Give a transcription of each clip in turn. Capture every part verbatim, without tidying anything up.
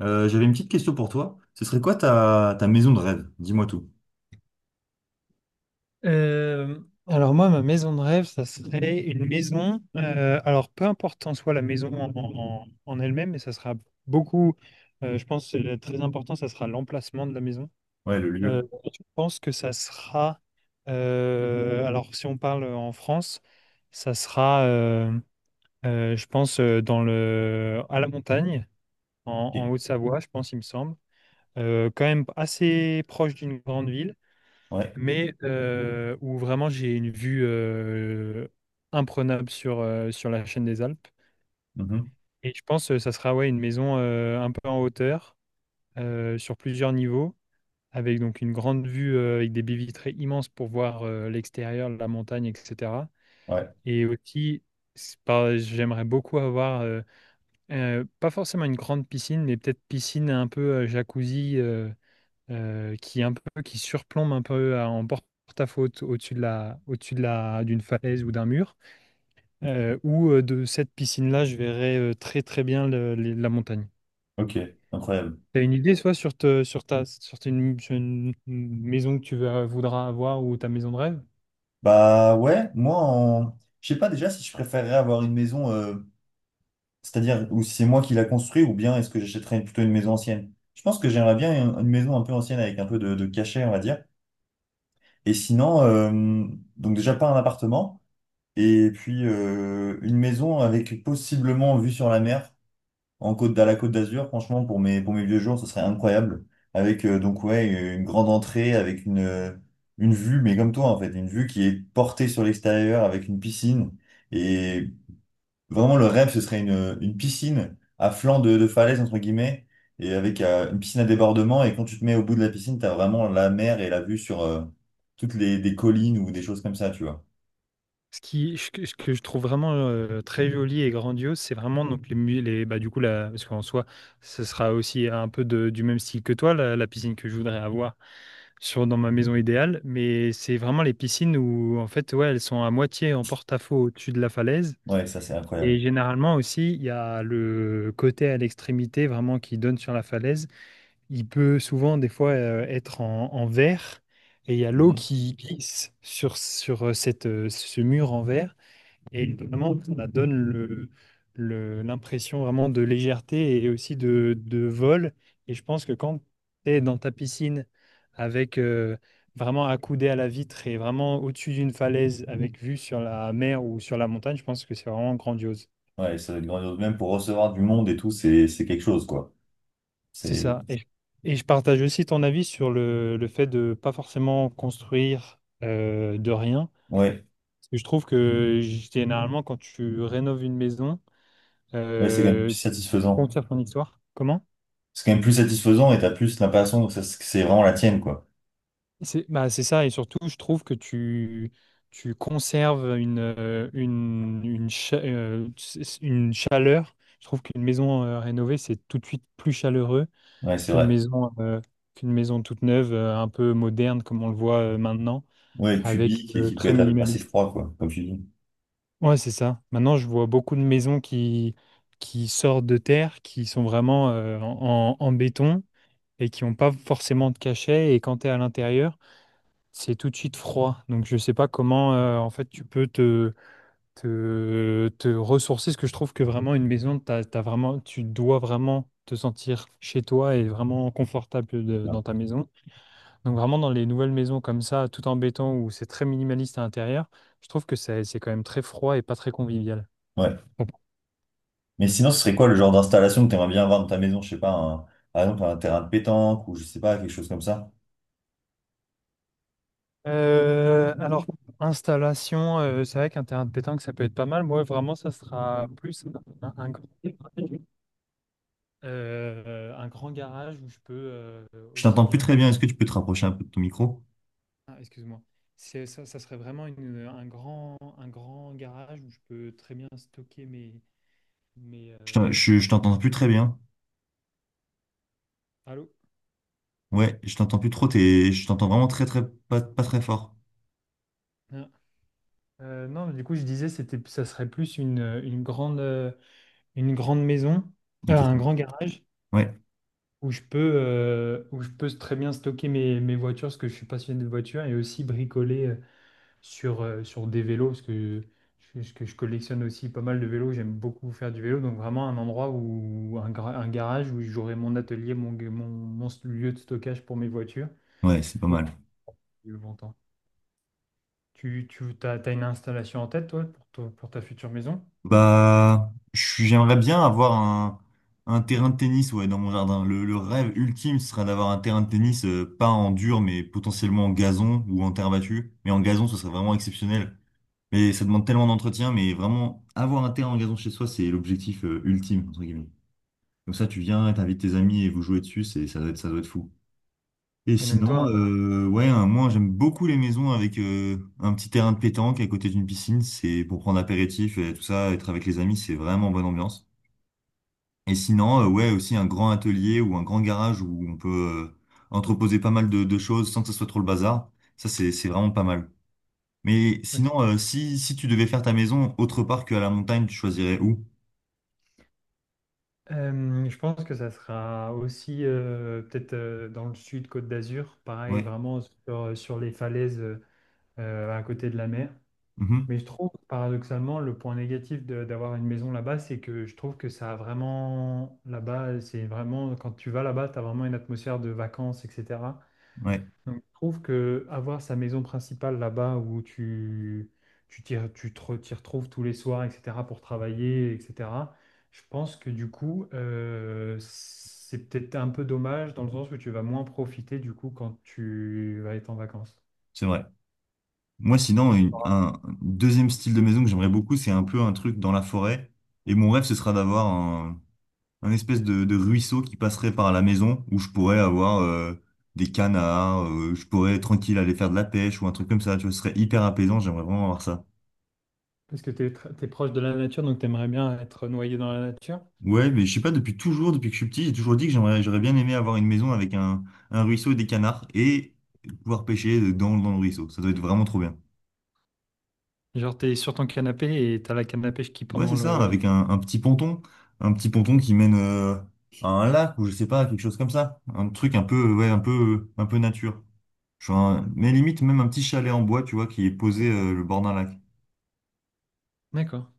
Euh, j'avais une petite question pour toi. Ce serait quoi ta, ta maison de rêve? Dis-moi tout. Euh, alors moi, ma maison de rêve, ça serait une maison. euh, alors peu importe en soi la maison en, en- en elle-même, mais ça sera beaucoup. euh, je pense que le très important, ça sera l'emplacement de la maison. Ouais, le Euh, lieu. je pense que ça sera. euh, alors si on parle en France, ça sera, euh, euh, je pense, euh, dans le à la montagne, en, Ok. en Haute-Savoie, je pense, il me semble. Euh, quand même assez proche d'une grande ville, Ouais. mais euh, où vraiment j'ai une vue euh, imprenable sur, euh, sur la chaîne des Alpes. Mhm. Et je pense que ça sera, ouais, une maison euh, un peu en hauteur, euh, sur plusieurs niveaux, avec donc une grande vue euh, avec des baies vitrées immenses pour voir euh, l'extérieur, la montagne, et cetera. Ouais. Et aussi, c'est pas- j'aimerais beaucoup avoir, euh, euh, pas forcément une grande piscine, mais peut-être piscine un peu euh, jacuzzi. euh, euh, qui est un peu qui surplombe un peu à- en porte-à-faux au- au-dessus de la au-dessus de la d'une falaise ou d'un mur. Euh, ou euh, de cette piscine-là, je verrais euh, très très bien le- le- la montagne. Ok. Incroyable. T'as une idée soit sur te- sur ta sur tes- une, sur une- une maison que tu veux- voudras avoir, ou ta maison de rêve? Bah ouais, moi, en... je sais pas déjà si je préférerais avoir une maison, euh, c'est-à-dire ou si c'est moi qui la construis ou bien est-ce que j'achèterais plutôt une maison ancienne. Je pense que j'aimerais bien une une maison un peu ancienne avec un peu de, de cachet, on va dire. Et sinon, euh, donc déjà pas un appartement et puis euh, une maison avec possiblement vue sur la mer. En côte, à la Côte d'Azur, franchement, pour mes, pour mes vieux jours, ce serait incroyable. Avec, euh, donc, ouais, une grande entrée, avec une, euh, une vue, mais comme toi, en fait, une vue qui est portée sur l'extérieur avec une piscine. Et vraiment, le rêve, ce serait une, une piscine à flanc de, de falaise, entre guillemets, et avec euh, une piscine à débordement. Et quand tu te mets au bout de la piscine, t'as vraiment la mer et la vue sur euh, toutes les, des collines ou des choses comme ça, tu vois. Ce qui, ce que ce que je trouve vraiment euh, très joli et grandiose, c'est vraiment donc les, mu- les bah du coup la, parce qu'en soi, ce sera aussi un peu de- du même style que toi, la, la piscine que je voudrais avoir sur dans ma maison idéale, mais c'est vraiment les piscines où en fait, ouais, elles sont à moitié en porte-à-faux au-dessus de la falaise. Ouais, ça, c'est Et incroyable. généralement aussi, il y a le côté à l'extrémité vraiment qui donne sur la falaise. Il peut souvent des fois euh, être en, en verre, et il y a l'eau Mhm. qui glisse sur, sur euh, cette, euh, ce mur en verre. Et vraiment, ça donne le, le- l'impression vraiment de légèreté et aussi de, de vol. Et je pense que quand tu es dans ta piscine avec euh, vraiment accoudé à la vitre et vraiment au-dessus d'une falaise avec vue sur la mer ou sur la montagne, je pense que c'est vraiment grandiose. Ouais, ça doit être grandiose. Même pour recevoir du monde et tout, c'est, c'est quelque chose, quoi. C'est C'est, ça. Et, je et je partage aussi ton avis sur le, le fait de pas forcément construire euh, de rien. ouais. Parce que je trouve que généralement, quand tu rénoves une maison, Ouais, c'est quand même euh, plus tu satisfaisant. construis ton histoire. Comment? C'est quand même plus satisfaisant et t'as plus l'impression que ça- que c'est vraiment la tienne, quoi. C'est bah, c'est ça, et surtout, je trouve que tu, tu conserves une, euh, une, une, cha- euh, c- c- une chaleur. Je trouve qu'une maison euh, rénovée, c'est tout de suite plus chaleureux Ouais, c'est qu'une vrai. maison, euh, qu'une maison toute neuve, euh, un peu moderne, comme on le voit euh, maintenant, Ouais, avec cubique et euh, qui peut très être assez minimaliste. froid, quoi, comme tu dis. Ouais, c'est ça. Maintenant, je vois beaucoup de maisons qui, qui sortent de terre, qui sont vraiment euh, en, en béton et qui n'ont pas forcément de cachet. Et quand tu es à l'intérieur, c'est tout de suite froid, donc je sais pas comment euh, en fait tu peux te, te, te ressourcer, parce que je trouve que vraiment une maison, t'as, t'as vraiment, tu dois vraiment te sentir chez toi et vraiment confortable de- dans ta maison. Donc vraiment dans les nouvelles maisons comme ça, tout en béton, où c'est très minimaliste à l'intérieur, je trouve que c'est c'est quand même très froid et pas très convivial. Ouais. Bon. Mais sinon, ce serait quoi le genre d'installation que t'aimerais bien avoir dans ta maison? Je sais pas, un- par exemple, un terrain de pétanque ou je sais pas, quelque chose comme ça. Euh, alors, installation, euh, c'est vrai qu'un terrain de pétanque, ça peut être pas mal. Moi, vraiment, ça sera plus un, un grand. euh, un grand garage où je peux euh, Je aussi t'entends plus bien. très sto- bien. Est-ce que tu peux te rapprocher un peu de ton micro? Ah, excuse-moi. C'est, ça, ça serait vraiment une- un grand, un grand garage où je peux très bien stocker mes. mes Je t'en- euh, je- je t'entends plus très bien. Allô? Ouais, je t'entends plus trop. T'es, je t'entends vraiment très, très, pas, pas très fort. Ah. Euh, non, mais du coup, je disais, c'était, ça serait plus une, une grande, euh, une grande maison, euh, Ok. un grand garage Ouais, où je peux, euh, où je peux très bien stocker mes, mes voitures parce que je suis passionné de voitures et aussi bricoler. euh, sur, euh, sur des vélos, parce que je, je- que je collectionne aussi pas mal de vélos, j'aime beaucoup faire du vélo, donc vraiment un endroit où un, gra- un garage où j'aurai mon atelier, mon, mon, mon lieu de stockage pour mes voitures ouais, c'est pas pour mal. plus longtemps. Tu, tu t'as, t'as une installation en tête, toi, pour, toi- pour ta future maison? Bah, je- j'aimerais bien avoir un, un terrain de tennis, ouais, dans mon jardin. Le, le rêve ultime ce serait d'avoir un terrain de tennis, euh, pas en dur, mais potentiellement en gazon ou en terre battue. Mais en gazon, ce serait vraiment exceptionnel. Mais ça demande tellement d'entretien, mais vraiment, avoir un terrain en gazon chez soi, c'est l'objectif, euh, ultime, entre guillemets. Comme ça, tu viens, t'invites tes amis et vous jouez dessus, c'est, ça doit être, ça doit être fou. Et Et donc sinon, toi, euh, ouais, un- moi j'aime beaucoup les maisons avec euh, un petit terrain de pétanque à côté d'une piscine. C'est pour prendre apéritif et tout ça, être avec les amis, c'est vraiment bonne ambiance. Et sinon, euh, un- ouais, aussi un grand atelier ou un grand garage où on peut euh, entreposer pas mal de, de choses sans que ce soit trop le bazar. Ça, c'est c'est vraiment pas mal. Mais ok. sinon, euh, si si tu devais faire ta maison autre part qu'à la montagne, tu choisirais où? Euh, je pense que ça sera aussi euh, peut-être euh, dans le sud, Côte d'Azur, pareil, Ouais. vraiment sur, sur les falaises euh, à côté de la mer. Mhm. Mais je trouve, paradoxalement, le point négatif de- d'avoir une maison là-bas, c'est que je trouve que ça a vraiment, là-bas, c'est vraiment, quand tu vas là-bas, tu as vraiment une atmosphère de vacances, et cetera. Ouais, Donc, je trouve que avoir sa maison principale là-bas où tu, tu, t'y- tu te re- t'y retrouves tous les soirs, et cetera, pour travailler, et cetera, je pense que du coup, euh, c'est peut-être un peu dommage dans le sens où tu vas moins profiter du coup quand tu vas être en vacances. c'est vrai. Moi, sinon, une- un deuxième style de maison que j'aimerais beaucoup, c'est un peu un truc dans la forêt. Et mon rêve, ce sera d'avoir un, un espèce de, de ruisseau qui passerait par la maison où je pourrais avoir euh, des canards, euh, je pourrais tranquille aller faire de la pêche ou un truc comme ça. Tu vois, ce serait hyper apaisant, j'aimerais vraiment avoir ça. Parce que t'es, tr- t'es proche de la nature, donc t'aimerais bien être noyé dans la nature. Ouais, mais je sais pas, depuis toujours, depuis que je suis petit, j'ai toujours dit que j'aimerais, j'aurais bien aimé avoir une maison avec un, un ruisseau et des canards et pouvoir pêcher dans, dans le ruisseau. Ça doit être vraiment trop bien. Genre, t'es sur ton canapé et t'as la canne à pêche qui Ouais, c'est pendant ça, le. avec un, un petit ponton, un petit ponton qui mène euh, à un lac ou je sais pas, quelque chose comme ça, un truc un peu, ouais, un peu, un peu nature. Genre, un- mais limite même un petit chalet en bois, tu vois, qui est posé euh, le bord d'un lac. D'accord.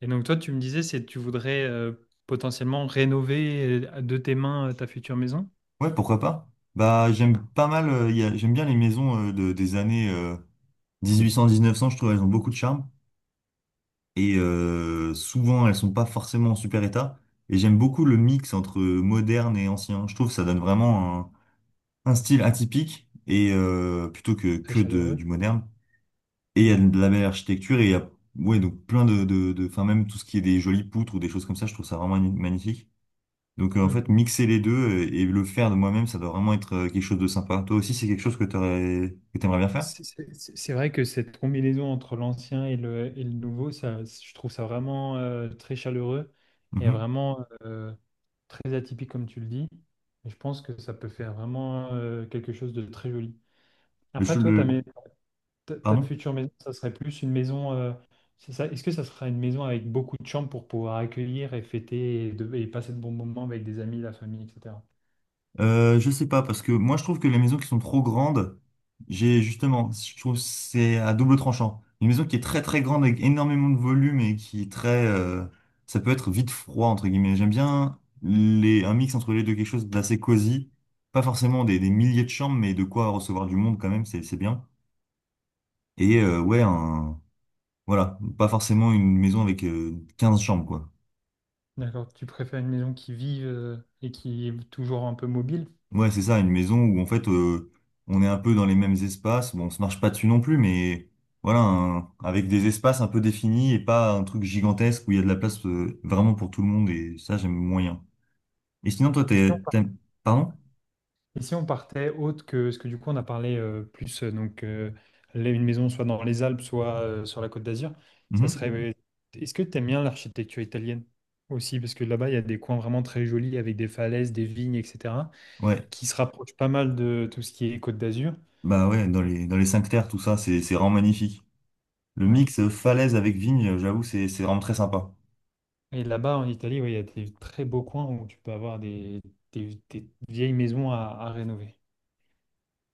Et donc toi, tu me disais, c'est tu voudrais euh, potentiellement rénover euh, de tes mains euh, ta future maison. Ouais, pourquoi pas? Bah, j'aime pas mal, euh, y a- j'aime bien les maisons euh, de, des années mille huit cents-mille neuf cents, je trouve elles ont beaucoup de charme et euh, souvent elles sont pas forcément en super état. Et j'aime beaucoup le mix entre moderne et ancien. Je trouve que ça donne vraiment un style atypique et euh, plutôt que Très que de, du chaleureux. moderne. Et il y Mm. a de la belle architecture et il y a ouais donc plein de de de enfin même tout ce qui est des jolies poutres ou des choses comme ça, je trouve ça vraiment magni- magnifique. Donc euh, en fait Mhm. mixer les deux euh, et le faire de moi-même, ça doit vraiment être euh, quelque chose de sympa. Toi aussi c'est quelque chose que t'aurais que t'aimerais bien faire? C'est c'est- c'est- c'est vrai que cette combinaison entre l'ancien et le, et le nouveau, ça, je trouve ça vraiment euh, très chaleureux et Mhm. vraiment euh, très atypique, comme tu le dis. Et je pense que ça peut faire vraiment euh, quelque chose de très joli. Le, ch- Après, toi, ta, le mais- ta, ta pardon? future maison, ça serait plus une maison. euh, c'est ça. Est-ce que ça sera une maison avec beaucoup de chambres pour pouvoir accueillir et fêter et, de- et passer de bons moments avec des amis, la famille, et cetera. Euh, je sais pas, parce que moi je trouve que les maisons qui sont trop grandes, j'ai justement, je trouve que c'est à double tranchant. Une maison qui est très très grande avec énormément de volume et qui est très, euh, ça peut être vite froid entre guillemets. J'aime bien les, un mix entre les deux, quelque chose d'assez cosy, pas forcément des, des milliers de chambres, mais de quoi recevoir du monde quand même, c'est c'est bien. Et euh, ouais, un, voilà, pas forcément une maison avec euh, quinze chambres quoi. D'accord. Tu préfères une maison qui vive euh, et qui est toujours un peu mobile? Ouais, c'est ça, une maison où en fait euh, on est un peu dans les mêmes espaces. Bon, on se marche pas dessus non plus, mais voilà, un- avec des espaces un peu définis et pas un truc gigantesque où il y a de la place euh, vraiment pour tout le monde et ça, j'aime moyen. Et sinon, toi, Et si on t'es, par- t'aimes- Pardon? et si on partait autre que ce que du coup on a parlé euh, plus euh, donc euh, là, une maison soit dans les Alpes, soit euh, sur la Côte d'Azur, ça Mhm. serait. euh, Est-ce que tu aimes bien l'architecture italienne aussi? Parce que là-bas, il y a des coins vraiment très jolis avec des falaises, des vignes, et cetera Ouais, qui se rapproche pas mal de tout ce qui est Côte d'Azur. bah ouais, dans Et, les, dans les cinq terres, tout ça, c'est c'est vraiment magnifique. Le ouais. mix euh, falaise avec vigne, j'avoue, c'est c'est vraiment très sympa. Et là-bas, en Italie, ouais, il y a des très beaux coins où tu peux avoir des, des- des vieilles maisons à, à rénover.